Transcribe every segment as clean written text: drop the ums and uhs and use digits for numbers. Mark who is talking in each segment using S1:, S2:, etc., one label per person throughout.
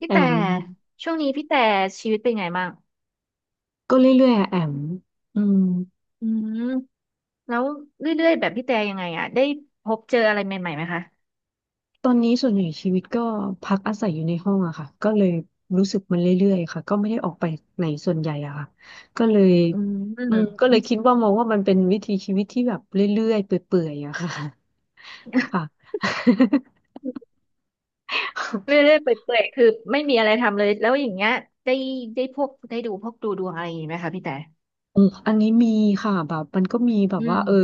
S1: พี่
S2: แอ
S1: แต่
S2: ม
S1: ช่วงนี้พี่แต่ชีวิตเป็นไงบ้าง
S2: ก็เรื่อยๆอะแอมอืม
S1: อืมแล้วเรื่อยๆแบบพี่แต่ยังไงอ่ะได้พบเจออะไรใหม่ๆไหมคะ
S2: ตอนนี้ส่วนใหญ่ชีวิตก็พักอาศัยอยู่ในห้องอะค่ะก็เลยรู้สึกมันเรื่อยๆค่ะก็ไม่ได้ออกไปไหนส่วนใหญ่อะค่ะก็เลย
S1: อืม
S2: อืมก็ เลยคิดว่ามองว่ามันเป็นวิถีชีวิตที่แบบเรื่อยๆเปื่อยๆอะค่ะค่ะ
S1: เรื่อยๆเปื่อยๆคือไม่มีอะไรทำเลยแล้วอย่างเงี้ยได้ได้ดูพวกดูดวงอะไรอย่างงี้ไหมคะพี่แต่
S2: อืมอันนี้มีค่ะแบบมันก็มีแบบ
S1: อื
S2: ว่า
S1: ม
S2: เออ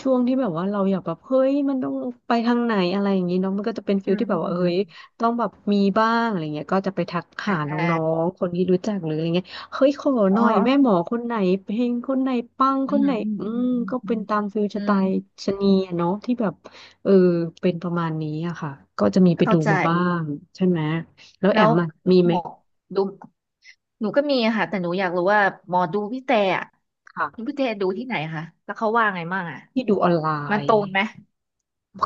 S2: ช่วงที่แบบว่าเราอยากแบบเฮ้ยมันต้องไปทางไหนอะไรอย่างนี้เนาะมันก็จะเป็นฟิ
S1: อื
S2: ล
S1: ม
S2: ที่แบบ
S1: อื
S2: ว่าเฮ้
S1: ม
S2: ยต้องแบบมีบ้างอะไรเงี้ยก็จะไปทัก
S1: อ
S2: หาน
S1: ่
S2: ้อ
S1: า
S2: งๆคนที่รู้จักหรืออะไรเงี้ยเฮ้ยขอห
S1: อ๋อ
S2: น่อยแม่หมอคนไหนเพลงคนไหนปัง
S1: อื
S2: คน
S1: ม
S2: ไหน
S1: อืม
S2: อื
S1: อื
S2: ม
S1: ม
S2: ก็
S1: อืมอื
S2: เป็น
S1: ม
S2: ตามฟิลส
S1: อื
S2: ไตล์
S1: ม
S2: ชะนีอะเนาะที่แบบเออเป็นประมาณนี้อะค่ะก็จะมีไป
S1: เข้า
S2: ดู
S1: ใจ
S2: มาบ้างใช่ไหมแล้ว
S1: แล้
S2: แอ
S1: ว
S2: มอะมีไห
S1: ห
S2: ม
S1: มอดูหนูก็มีอะค่ะแต่หนูอยากรู้ว่าหมอดูพี่แต่อะ
S2: ค่ะ
S1: พี่แต่ดูที่ไหนคะแล้วเขาว่าไงบ้างอะ
S2: ที่ดูออนไล
S1: มันต
S2: น์
S1: รงไหม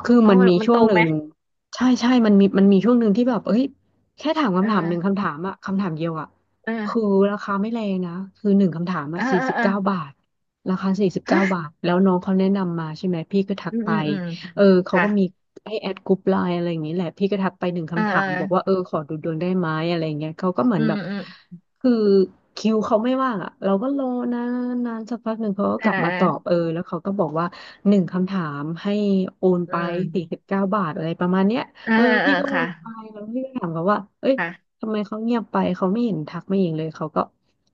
S2: คือ
S1: อ๋อ
S2: มัน
S1: มัน
S2: มี
S1: มัน
S2: ช่
S1: ต
S2: วง
S1: รง
S2: หนึ่
S1: ไหม
S2: งใช่ใช่มันมีช่วงหนึ่งที่แบบเอ้ยแค่ถาม
S1: เออ
S2: คำถามหนึ่งคำถามอะคำถามเดียวอะคือ
S1: เออ
S2: ราคาไม่แรงนะคือหนึ่งคำถาม
S1: เอ
S2: อะ
S1: อ
S2: สี่
S1: เออ
S2: สิบ
S1: เออ
S2: เก้าบาทราคาสี่สิบเก้าบาทแล้วน้องเขาแนะนำมาใช่ไหมพี่ก็ทัก
S1: อืม
S2: ไป
S1: อืมอืม
S2: เออเขา
S1: ค่ะ
S2: ก็มีให้แอดกรุ๊ปไลน์อะไรอย่างนี้แหละพี่ก็ทักไปหนึ่ง
S1: เออ
S2: คำถา
S1: เอ
S2: มบอกว่าเอ
S1: อ
S2: อขอดูดวงได้ไหมอะไรอย่างเงี้ยเขาก็เหมือ
S1: อื
S2: นแบ
S1: ม
S2: บ
S1: อืม
S2: คือคิวเขาไม่ว่างอ่ะเราก็รอนานนานสักพักหนึ่งเขาก็
S1: เอ
S2: ก
S1: อ
S2: ลั
S1: เ
S2: บมาตอบ
S1: อ
S2: เอ
S1: อ
S2: อแล้วเขาก็บอกว่าหนึ่งคำถามให้โอน
S1: อื
S2: ไปสี่สิ
S1: ม
S2: บเก้าบาทอะไรประมาณเนี้ย
S1: เออ
S2: เออ
S1: เออเอ
S2: พี่
S1: อ
S2: ก็โอ
S1: ค่ะ
S2: นไปแล้วพี่ก็ถามเขาว่าเอ้ย
S1: ค่ะ
S2: ทำไมเขาเงียบไปเขาไม่เห็นทักไม่เห็นเลยเขาก็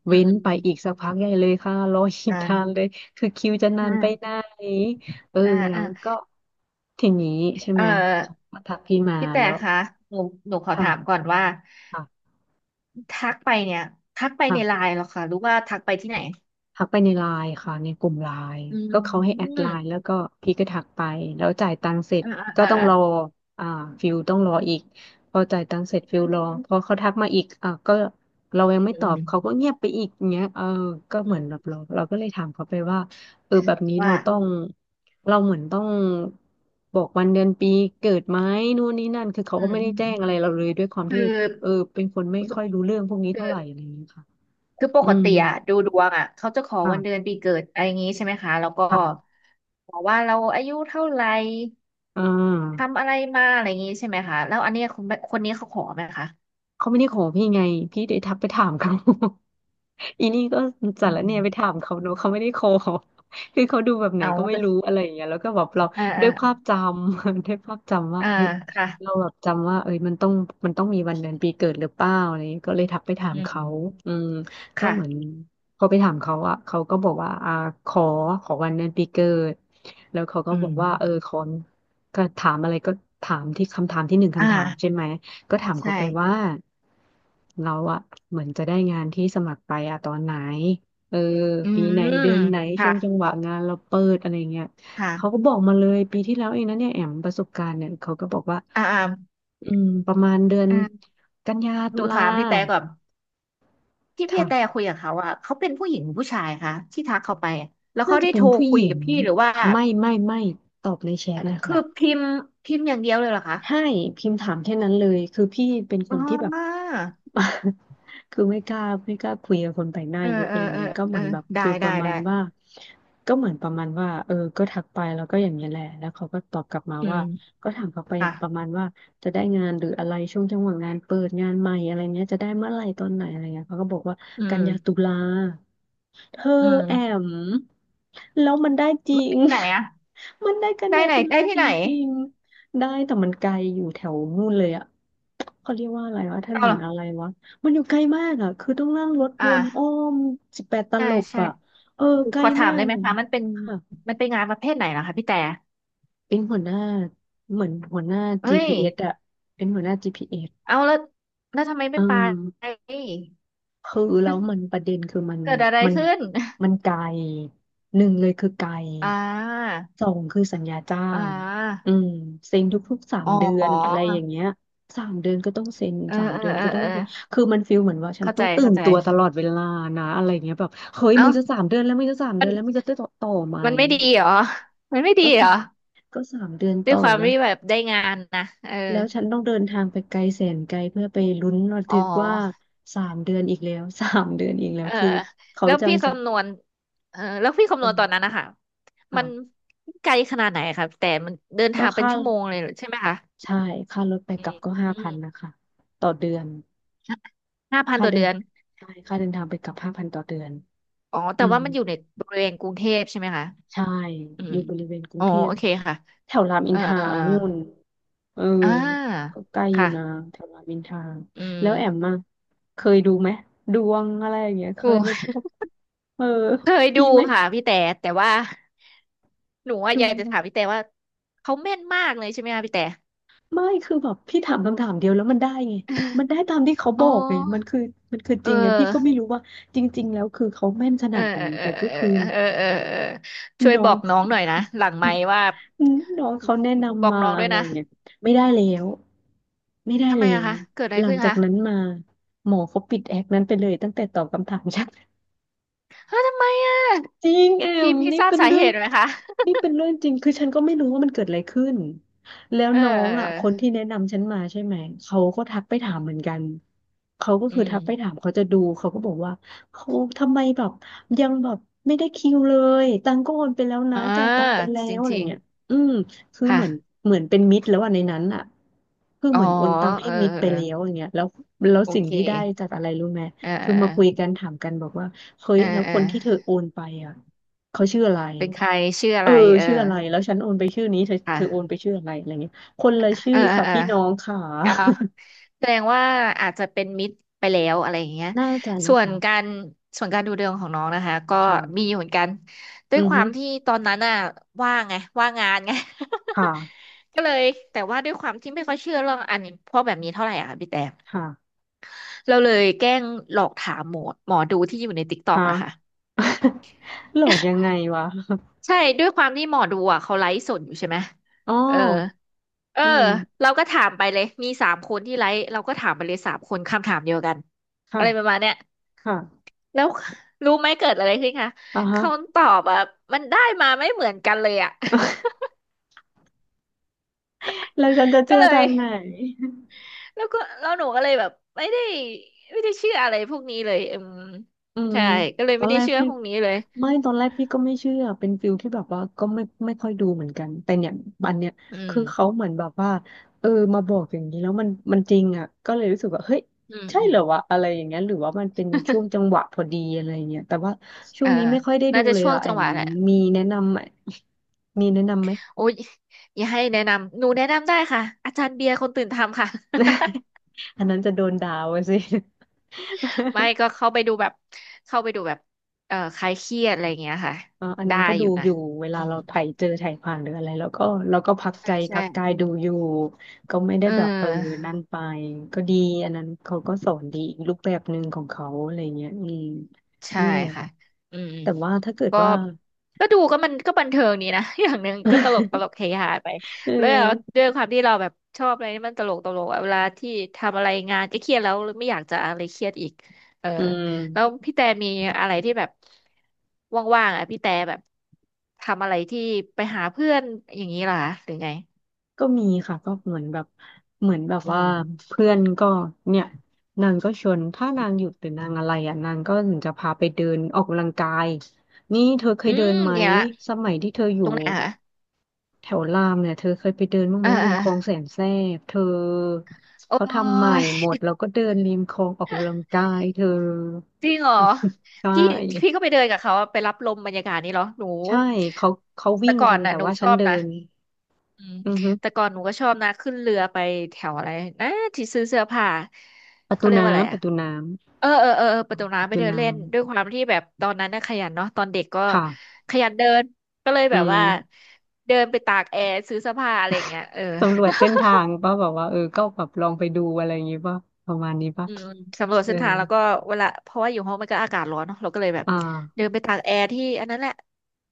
S1: อื
S2: เว้
S1: ม
S2: น
S1: อืม
S2: ไป
S1: อืม
S2: อีกสักพักใหญ่เลยค่ะรออีก
S1: อ่
S2: นา
S1: า
S2: นเลยคือคิวจะนานไปไหนเออ
S1: อ่า
S2: แล้
S1: อ่าอ่า
S2: วก็ทีนี้ใช่
S1: เออ
S2: ไหมเขาก็ทักพี่มา
S1: พี่แต่
S2: แล้ว
S1: คะหนูหนูขอถาม
S2: ค่ะ
S1: ก่อนว่า
S2: ค่ะ
S1: ทักไปเนี่ยทักไปในไล
S2: ค่ะ
S1: น์เหรอคะหรือว่าทักไปที่ไหน
S2: ทักไปในไลน์ค่ะในกลุ่มไลน์
S1: อื
S2: ก็เขาให้แอด
S1: ม
S2: ไลน์แล้วก็พี่ก็ทักไปแล้วจ่ายตังค์เสร็จ
S1: อ่า
S2: ก็
S1: อ่า
S2: ต้องรอ
S1: อ่า
S2: อ่าฟิลต้องรออีกพอจ่ายตังค์เสร็จฟิลรอพอเขาทักมาอีกอ่าก็เรายังไม่
S1: อื
S2: ตอบเขา
S1: ม
S2: ก็เงียบไปอีกเงี้ยเออก็
S1: อื
S2: เหมือนแบบ
S1: ม
S2: เราก็เลยถามเขาไปว่าเออแบบนี้เรา
S1: ว่า
S2: ต้องเราเหมือนต้องบอกวันเดือนปีเกิดไหมนู่นนี่นั่นคือเขา
S1: อื
S2: ก็
S1: ม
S2: ไม่ได้แจ้งอะไรเราเลยด้วยความ
S1: อืมอืมคื
S2: ที่
S1: อ
S2: เออเป็นคนไม่ค่อยรู้เรื่องพวกนี้
S1: คือ
S2: เท่าไหร่อะไรอย่างเงี้ยค่ะ
S1: คือป
S2: อื
S1: ก
S2: ม
S1: ติอะดูดวงอะเขาจะขอ
S2: ค่ะ
S1: วันเดือนปีเกิดอะไรอย่างงี้ใช่ไหมคะแล้วก็
S2: ผ่าน
S1: บอกว่าเราอายุเท่าไหร่
S2: อ่า
S1: ทำอะไรมาอะไรอย่างงี้ใช่ไหมคะแล้วอันเนี้ยคนคนนี้เขาขอไหมคะ
S2: เขาไม่ได้ขอพี่ไงพี่ได้ทักไปถามเขา อีนี่ก็สา
S1: อื
S2: รเนี่
S1: ม
S2: ยไปถามเขาเนอะเขาไม่ได้ขอ คือเขาดูแบบไหน
S1: เอา
S2: ก็ไม่
S1: แต่
S2: รู้อะไรอย่างเงี้ยแล้วก็แบบเรา
S1: อ่า
S2: ด้
S1: อ่า
S2: วยภาพจำ ด้วยภาพจำว่า
S1: อ่า
S2: เฮ้ย
S1: ค่ะ
S2: เราแบบจำว่าเอ้ยมันต้องมีวันเดือนปีเกิดหรือเปล่าอะไรอย่างเงี้ยก็เลยทักไปถาม
S1: อื
S2: เขา
S1: ม
S2: อืมก็เหมือน
S1: ค่ะ
S2: พอไปถามเขาอะเขาก็บอกว่าอ่าขอขอวันเดือนปีเกิดแล้วเขาก็
S1: อื
S2: บอ
S1: ม
S2: กว่าเออขอก็ถามอะไรก็ถามที่คำถามที่หนึ่ง
S1: อ่า
S2: คำถามใช่ไหม ก็ถาม
S1: ใช่
S2: เขาไปว่าเราอะเหมือนจะได้งานที่สมัครไปอะตอนไหนเออ
S1: อื
S2: ปีไหน
S1: ม
S2: เดือนไหนช่
S1: ค่ะ
S2: วงจังหวะงานเราเปิดอะไรเงี้ยเขาก็
S1: ค่ะ
S2: บอกมาเลยปีที่แล้วเองนะเนี่ยแอมประสบการณ์เนี่ยเขาก็บอกว่า
S1: อ่าอ่า
S2: อืมประมาณเดือน
S1: อืม
S2: กันยา
S1: ห
S2: ตุ
S1: นู
S2: ลา
S1: ถามพี่แต่ก่อนที่พี่
S2: ค่ะ
S1: แต่คุยกับเขาอะเขาเป็นผู้หญิงหรือผู้ชายคะที่ทักเขาไปอะแล้ว
S2: น่า
S1: เขา
S2: จะ
S1: ได้
S2: เป็
S1: โท
S2: น
S1: ร
S2: ผู้
S1: คุ
S2: ห
S1: ย
S2: ญิ
S1: กั
S2: ง
S1: บพี่หรือว่า
S2: ไม่ไม่ไม่ตอบในแชทนะ
S1: คือ
S2: คะ
S1: พิมพ์พิมพ์อย่างเดียวเลยเหรอคะ
S2: ให้พิมพ์ถามแค่นั้นเลยคือพี่เป็นค
S1: อ๋
S2: นที่แบบ
S1: อ
S2: คือไม่กล้าไม่กล้าคุยกับคนแปลกหน้า
S1: เออ
S2: เยอะ
S1: เออ
S2: เลย
S1: เออ
S2: เนี่ยก็เห
S1: เอ
S2: มื
S1: อ
S2: อนแบบ
S1: ได้
S2: ฟีลป
S1: ได้
S2: ระมา
S1: ได้
S2: ณว่าก็เหมือนประมาณว่าเออก็ทักไปแล้วก็อย่างนี้ยแหละแล้วเขาก็ตอบกลับมา
S1: อื
S2: ว่า
S1: ม
S2: ก็ถามเขาไป
S1: ค่ะ
S2: ประมาณว่าจะได้งานหรืออะไรช่วงจังหวะงานเปิดงานใหม่อะไรเนี้ยจะได้เมื่อไหร่ตอนไหนอะไรเงี้ยเขาก็บอกว่า
S1: อื
S2: กัน
S1: ม
S2: ยาตุลา เธ
S1: อื
S2: อแอ
S1: ม
S2: มแล้วมันได้จริ
S1: ไม่ได้
S2: ง
S1: ที่ไหนอะ
S2: มันได้กัน
S1: ได้
S2: ยา
S1: ไหน
S2: ตุ
S1: ได้
S2: ลา
S1: ที่
S2: จ
S1: ไหน
S2: ริงๆได้แต่มันไกลอยู่แถวนู่นเลยอะเขาเรียกว่าอะไรวะถ
S1: เอา
S2: น
S1: เหร
S2: น
S1: อ
S2: อะไรวะมันอยู่ไกลมากอะคือต้องนั่งรถว
S1: อ่า
S2: นอ้อมสิบแปดต
S1: ใช่
S2: ลบ
S1: ใช่
S2: อะเออไกล
S1: ขอถา
S2: มา
S1: ม
S2: ก
S1: ได้ไหม
S2: เลย
S1: คะมันเป็น
S2: ค่ะ
S1: มันเป็นงานประเภทไหนเหรอคะพี่แต่
S2: เป็นหัวหน้าเหมือนหัวหน้า
S1: เฮ้ย
S2: GPS อสอะเป็นหัวหน้า GPS เอส
S1: เอาแล้วแล้วทำไม
S2: เอ
S1: ไม่ไป
S2: อ คือแล้วมันประเด็นคือ
S1: เกิดอะไร
S2: มัน
S1: ขึ้น
S2: มันไกลหนึ่งเลยคือไกล
S1: อ่า
S2: สองคือสัญญาจ้า
S1: อ่
S2: งอื
S1: า
S2: มเซ็นทุกๆสาม
S1: อ๋อ
S2: เดือนอะไรอย่างเงี้ยสามเดือนก็ต้องเซ็น
S1: เออ
S2: สาม
S1: เออ
S2: เดือน
S1: เออ
S2: ก็ต้อ
S1: เอ
S2: ง
S1: อ
S2: คือมันฟีลเหมือนว่าฉัน
S1: เข้า
S2: ต้
S1: ใจ
S2: องตื่
S1: เข้า
S2: น
S1: ใจ
S2: ตัวตลอดเวลานะอะไรเงี้ยแบบเฮ้ยมึ
S1: เอ้า
S2: งจะสามเดือนแล้วมึงจะสามเดื
S1: มั
S2: อ
S1: น
S2: นแล้วมึงจะได้ต่อไหม
S1: มันไม่ดีเหรอ มันไม่ดี
S2: ก็
S1: เหร
S2: สา
S1: อ
S2: มก็สามเดือน
S1: ด้ว
S2: ต่
S1: ย
S2: อ
S1: ความ
S2: แล้ว
S1: ที่แบบได้งานนะเออ
S2: แล้วฉันต้องเดินทางไปไกลแสนไกลเพื่อไปลุ้นระ
S1: อ๋อ
S2: ทึกว่าสามเดือนอีกแล้ว 3 เดือนอีกแล้
S1: เอ
S2: ว
S1: อ
S2: คือเขา
S1: แล้ว
S2: จัง
S1: พี่
S2: จะ
S1: คำนวณเออแล้วพี่คำ
S2: เอ
S1: นวณตอนนั้น
S2: อ
S1: นะคะ
S2: ค่ะ
S1: มันไกลขนาดไหนครับแต่มันเดิน
S2: ก็
S1: ทางเป็น
S2: ค่า
S1: ชั่วโมงเลยเหรอใช่ไหมคะ
S2: ใช่ค่ารถไป
S1: อื
S2: กลั
S1: ม
S2: บก็ห้า
S1: อื
S2: พั
S1: ม
S2: นนะคะต่อเดือน
S1: ห้าพัน
S2: ค่า
S1: ต่อ
S2: เดิน
S1: เดือน
S2: ใช่ค่าเดินทางไปกลับห้าพันต่อเดือน
S1: อ๋อ
S2: อื
S1: แต่
S2: ม
S1: ว่ามันอยู่ในบริเวณกรุงเทพใช่ไหมคะ
S2: ใช่
S1: อื
S2: อ
S1: ม
S2: ยู่บริเวณกรุ
S1: อ๋
S2: ง
S1: อ
S2: เทพ
S1: โอเคค่ะ
S2: แถวรามอิ
S1: เอ
S2: น
S1: อ
S2: ทรา
S1: เออ
S2: นู่นเออ
S1: เอออ่า
S2: ก็ใกล้อยู่นะ
S1: ค่ะ
S2: แถวรามอินทรา
S1: อื
S2: แล้
S1: ม
S2: วแอมมาเคยดูไหมดวงอะไรอย่างเงี้ยเค
S1: โอ
S2: ยไปพ
S1: ้
S2: บ เออ
S1: เคยดู
S2: มีไหม
S1: ค่ะพี่แต่แต่ว่า หนูอะ
S2: ดู
S1: อยากจะถามพี่แต่ว่าเขาแม่นมากเลยใช่ไหมคะพี่แต่
S2: ไม่คือแบบพี่ถามคำถามเดียวแล้วมันได้ไงมันได้ตามที่เขาบ
S1: อ๋อ
S2: อกไงมันคือจ
S1: เอ
S2: ริงไงพี่ก็ไม่
S1: อ
S2: รู้ว่าจริงๆแล้วคือเขาแม่นข
S1: เอ
S2: นา
S1: อ
S2: ดไหน
S1: เออเออ
S2: แต่ก็คือ
S1: เออเออเออช่วย
S2: น้อ
S1: บอ
S2: ง
S1: กน้องหน่อยนะหลังไมค์ว่า
S2: น้องเขาแนะ
S1: บอ
S2: นำ
S1: ก
S2: มา
S1: น้อง
S2: อะ
S1: ด้วย
S2: ไร
S1: นะ
S2: เงี้ยไม่ได้แล้วไม่ได้
S1: ทำไม
S2: แล้
S1: อะ
S2: ว
S1: คะเกิดอะไร
S2: หลัง
S1: ขึ้น
S2: จาก
S1: คะ
S2: นั้นมาหมอเขาปิดแอคนั้นไปเลยตั้งแต่ตอบคำถาม ฉัน
S1: เฮ้ยทำไมอะ
S2: จริงแอ
S1: พี่
S2: ม
S1: พี่
S2: นี่
S1: ทราบ
S2: เป็น
S1: สา
S2: เรื่
S1: เห
S2: อง
S1: ตุไหมคะ
S2: นี่เป็นเรื่องจริงคือฉันก็ไม่รู้ว่ามันเกิดอะไรขึ้นแล้ว
S1: เออ
S2: น้อง
S1: เอ
S2: อ่ะคนที่
S1: อ
S2: แนะนำฉันมาใช่ไหมเขาก็ทักไปถามเหมือนกันเขาก็
S1: อื
S2: คือทักไป
S1: ม
S2: ถามเขาจะดูเขาก็บอกว่าเขาทำไมแบบยังแบบไม่ได้คิวเลยตังค์ก็โอนไปแล้วนะ
S1: อ่า
S2: จ่ายตังค์ไปแล้
S1: จ
S2: วอะไร
S1: ริง
S2: เงี้ยอืมคือ
S1: ๆค่ะ
S2: เหมือนเป็นมิตรแล้วอ่ะในนั้นอ่ะคือ
S1: อ๋
S2: เห
S1: อ
S2: มือนโอนตังค์
S1: เอ
S2: ให้
S1: อ
S2: มิตรไป
S1: เออ
S2: แล้วอย่างเงี้ยแล้ว
S1: โอ
S2: สิ่ง
S1: เค
S2: ที่ได้จากอะไรรู้ไหม
S1: เ
S2: คือมาคุย
S1: ออ
S2: กันถามกันบอกว่า เฮ้ย
S1: เออ
S2: แล้ว
S1: เอ
S2: ค
S1: อ
S2: นที่
S1: เอ
S2: เธอ
S1: อ
S2: โอนไปอ่ะเขาชื่ออะไร
S1: เป็นใครชื่ออะ
S2: เอ
S1: ไร
S2: อ
S1: เออ
S2: ชื่ออะไรแล้วฉันโอนไปชื่อนี้เธอเธ
S1: ค่ะ
S2: อโอนไปชื่ออะไรอะไรเงี้ยคนละชื่
S1: เอ
S2: อ
S1: อเออ
S2: ค่ะ
S1: เออ
S2: พี่น้องค่ะ
S1: อ่าแสดงว่าอาจจะเป็นมิตรไปแล้วอะไรอย่างเงี้ย
S2: น่าจะ
S1: ส่
S2: นะ
S1: วน
S2: คะ
S1: การส่วนการดูดวงของน้องนะคะก็
S2: ค่ะ
S1: มีอยู่เหมือนกันด้ว
S2: อื
S1: ย
S2: อ
S1: ควา
S2: ฮึ
S1: มที่ตอนนั้นน่ะว่างไงว่างงานไง
S2: ค่ะ
S1: ก็เลยแต่ว่าด้วยความที่ไม่ค่อยเชื่อเรื่องอันนี้พวกแบบนี้เท่าไหร่อะค่ะพี่แต่
S2: ค่ะ
S1: เราเลยแกล้งหลอกถามหมอดูที่อยู่ในติ๊กต็อก
S2: ค่ะ
S1: อะค่ะ
S2: หลอกยังไงวะ
S1: ใช่ด้วยความที่หมอดูอะเขาไลฟ์สดอยู่ใช่ไหม
S2: อ๋อ
S1: เออ เออ
S2: อืม
S1: เราก็ถามไปเลยมีสามคนที่ไลฟ์เราก็ถามไปเลยสามคนคำถามเดียวกัน
S2: ค่ะ
S1: อะไรประมาณเนี้ย
S2: ค่ะ
S1: แล้วรู้ไหมเกิดอะไรขึ้นคะ
S2: อ่า
S1: ค
S2: ฮะ
S1: ำตอบอ่ะมันได้มาไม่เหมือนกันเลยอ่ะ
S2: แล้วฉันจะ
S1: ก็
S2: เชื่อ
S1: เลย
S2: ทางไหน
S1: แล้วก็แล้วหนูก็เลยแบบไม่ได้ไม่ได้เชื่ออะไรพวกนี้เลยอืม
S2: อืม
S1: ใช่ก็เลย
S2: ตอ
S1: ไม่
S2: น
S1: ได้
S2: แรก
S1: เชื่อ
S2: พี่
S1: พวกนี้เลย
S2: ตอนแรกพี่ก็ไม่เชื่อเป็นฟิลที่แบบว่าก็ไม่ค่อยดูเหมือนกันแต่เนี่ยอันเนี้ย
S1: อืม
S2: คือเขาเหมือนแบบว่าเออมาบอกอย่างนี้แล้วมันจริงอ่ะก็เลยรู้สึกว่าเฮ้ย
S1: อืม
S2: ใช่
S1: อื
S2: เหร
S1: ม
S2: อวะอะไรอย่างเงี้ยหรือว่ามันเป็นช่วงจังหวะพอดีอะไรอย่างเงี้ยแต่ว่าช่
S1: เอ
S2: วง
S1: อ
S2: นี้ไม่ค่อยได้ดู
S1: น่าจะ
S2: เลย
S1: ช่วง
S2: อ่ะแอ
S1: จังห
S2: ม
S1: วะแหละ
S2: มีแนะนำไหมมีแนะนำไหม
S1: โอ้ยอย่าให้แนะนำหนูแนะนำได้ค่ะอาจารย์เบียร์คนตื่นทำค่ะ
S2: อันนั้นจะโดนด่าว่ะสิ
S1: ไม่ก็เข้าไปดูแบบเข้าไปดูแบบคลายเครียดอะไรอย่างเงี้ยค่ะ
S2: อัน
S1: ได้
S2: นั้นก็
S1: อ
S2: ดู
S1: ยู่นะ
S2: อยู่เว
S1: อื
S2: ลา
S1: ม
S2: เราไถเจอไถผ่านหรืออะไรแล้วก็เราก็พักใจ
S1: ใช่ใช่
S2: พักกายดูอยู่ก็ไม่ได้
S1: เอ
S2: แบบเออ
S1: อ
S2: นั่นไปก็ดีอันนั้นเขาก็สอนดีอีกรูปแบบหนึ่งของเขาอะไรเงี้ยอืม
S1: ใช่
S2: นั่นแหละ
S1: ค่ะอืม
S2: แต่ว่าถ้าเกิด
S1: ก็
S2: ว่า
S1: ก็ดูก็มันก็บันเทิงดีนะ อย่างหนึ่งก็ตลกต ลกเฮฮาไป
S2: เอ
S1: แล้ว
S2: อ
S1: ด้วยความที่เราแบบชอบอะไรที่มันตลกตลกอะเวลาที่ทำอะไรงานก็เครียดแล้วไม่อยากจะอะไรเครียดอีกเออ
S2: อื
S1: แล้ว
S2: ม
S1: พี่แต่มีอะไรที่แบบว่างๆอ่ะพี่แต่แบบทำอะไรที่ไปหาเพื่อนอย่างนี้เหรอคะหรือไง
S2: ก็มีค่ะก็เหมือนแบบ
S1: อื
S2: ว่า
S1: ม
S2: เพื่อนก็เนี่ยนางก็ชวนถ้านางหยุดหรือนางอะไรอ่ะนางก็ถึงจะพาไปเดินออกกำลังกายนี่เธอเค
S1: อื
S2: ยเดิ
S1: ม
S2: นไหม
S1: เดี๋ยวอะ
S2: สมัยที่เธออ
S1: ต
S2: ยู่
S1: รงไหนคะ
S2: แถวรามเนี่ยเธอเคยไปเดินบ้างไห
S1: เอ
S2: ม
S1: อเอ
S2: ริม
S1: อ
S2: คลองแสนแสบเธอ
S1: โอ้
S2: เขาทำใหม่
S1: ย
S2: หมดแล้วก็เดินริมคลองออกกำลังกายเธอ
S1: จริงเหรอ
S2: ใช่
S1: พี่พี่ก็ไปเดินกับเขาอะไปรับลมบรรยากาศนี่เหรอหนู
S2: ใช่เขาเขาวิ่
S1: แต่
S2: ง
S1: ก่อ
S2: กั
S1: น
S2: น
S1: น่ะ
S2: แต่
S1: หนู
S2: ว่า
S1: ช
S2: ฉัน
S1: อบ
S2: เดิ
S1: นะ
S2: น
S1: อืม
S2: อือฮึ
S1: แต่ก่อนหนูก็ชอบนะขึ้นเรือไปแถวอะไรนะที่ซื้อเสื้อผ้า
S2: ประ
S1: เขา
S2: ตู
S1: เรียกว่าอะไร
S2: น้ำป
S1: อะ
S2: ระตูน้
S1: เออเออเออเออประตู
S2: ำประ
S1: น้ำไป
S2: ตู
S1: เดินเล่
S2: น้ำ
S1: นด้วยความที่แบบตอนนั้นน่ะขยันเนาะตอนเด็กก็
S2: ค่ะ
S1: ขยันเดินก็เลย
S2: อื
S1: แบบว่า
S2: ม
S1: เดินไปตากแอร์ซื้อเสื้อผ้าอะไรอย่างเงี้ยเออ
S2: สำรวจเส้นทางป่ะแบบว่าเออก็แบบลองไปดูอะไรอย่างงี้ป่ะประมาณนี้ป่ะ
S1: อืมสำรวจ
S2: เออ
S1: เส้นทางแล้วก็เวลาเพราะว่าอยู่ห้องมันก็อากาศร้อนเนาะเราก็เลยแบบ
S2: อ่
S1: เดิ
S2: า
S1: นไปตากแอร์ที่อันนั้นแหละ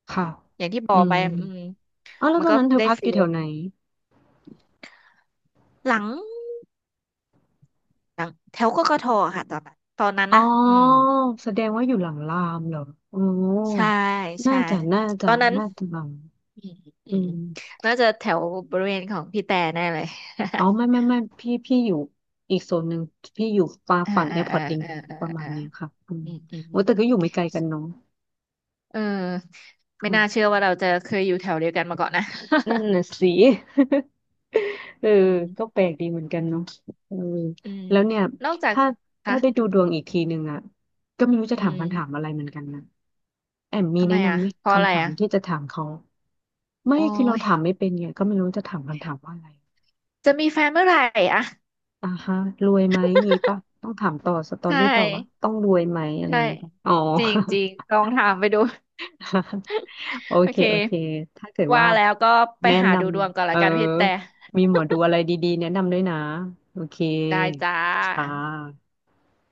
S2: ค่ะ
S1: อย่างที่บ
S2: อื
S1: อก
S2: ม
S1: ไปอืม
S2: อ้าวแล้ว
S1: มั
S2: ต
S1: น
S2: อน
S1: ก็
S2: นั้นเธอ
S1: ได้
S2: พักอ
S1: ฟี
S2: ยู่
S1: ล
S2: แถวไหน
S1: หลังหลังแถวกกทค่ะตอนนั้น
S2: อ๋อ
S1: นะอืม
S2: แสดงว่าอยู่หลังรามเหรออ๋อ
S1: ใช่
S2: น่า
S1: ใช่
S2: จะน่า
S1: ตอ
S2: จะ
S1: นนั้น
S2: น่าจะหลัง
S1: อืมอื
S2: อื
S1: ม
S2: ม
S1: น่าจะแถวบริเวณของพี่แต่แน่เลย
S2: อ๋อไม่ไม่ ไม่พี่อยู่อีกโซนหนึ่งพี่อยู่ฟา
S1: อ่า
S2: ฝั่งแอ
S1: อ่า
S2: ร์พอ
S1: อ่า
S2: ร์ตลิง
S1: อ่าอ่า
S2: ประมาณ
S1: อ่า
S2: เนี้ยค่ะอืม
S1: อืมอืม
S2: โอ้แต่ก็อยู่ไม่ไกลกันเนาะ
S1: เออไม่น่าเชื่อว่าเราจะเคยอยู่แถวเดียวกันมาก่อนนะ
S2: นั่นน่ะสิ เออ
S1: อืม
S2: ก็แปลกดีเหมือนกันเนาะเออ
S1: อืม
S2: แล้วเนี่ย
S1: นอกจาก
S2: ถ้า
S1: คะ
S2: ถ้าได้ดูดวงอีกทีหนึ่งอ่ะก็ไม่รู้จะ
S1: อื
S2: ถาม
S1: ม
S2: คำถามอะไรเหมือนกันนะแอมมี
S1: ทำไม
S2: แนะ
S1: อ่ะ
S2: นำไหม
S1: เพราะอะไร
S2: คำถาม
S1: อ่ะ
S2: ที่จะถามเขาไม่
S1: โอ้
S2: คือเรา
S1: ย
S2: ถามไม่เป็นไงก็ไม่รู้จะถามคำถามว่าอะไร
S1: จะมีแฟนเมื่อไหร่อ่ะ
S2: อ่าฮะรวยไหมงี้ปะต้องถามต่อสตอ
S1: ใช
S2: รี่ต่อว่า
S1: ่
S2: ต้องรวยไหมอะไรอ
S1: ใช่
S2: ย่างงี้ปะอ๋อ
S1: จริงจริงลองถามไปดู
S2: โอ
S1: โอ
S2: เค
S1: เค
S2: โอเคถ้าเกิด
S1: ว่า
S2: ว่า
S1: แล้วก็ไป
S2: แนะ
S1: หา
S2: น
S1: ดูดวงก่อน
S2: ำเอ
S1: ละ
S2: อ
S1: กันพี่แต่
S2: มีหมอดูอะไรดีๆแนะนำด้วยนะโอเค
S1: ได้จ้า
S2: ค่ะ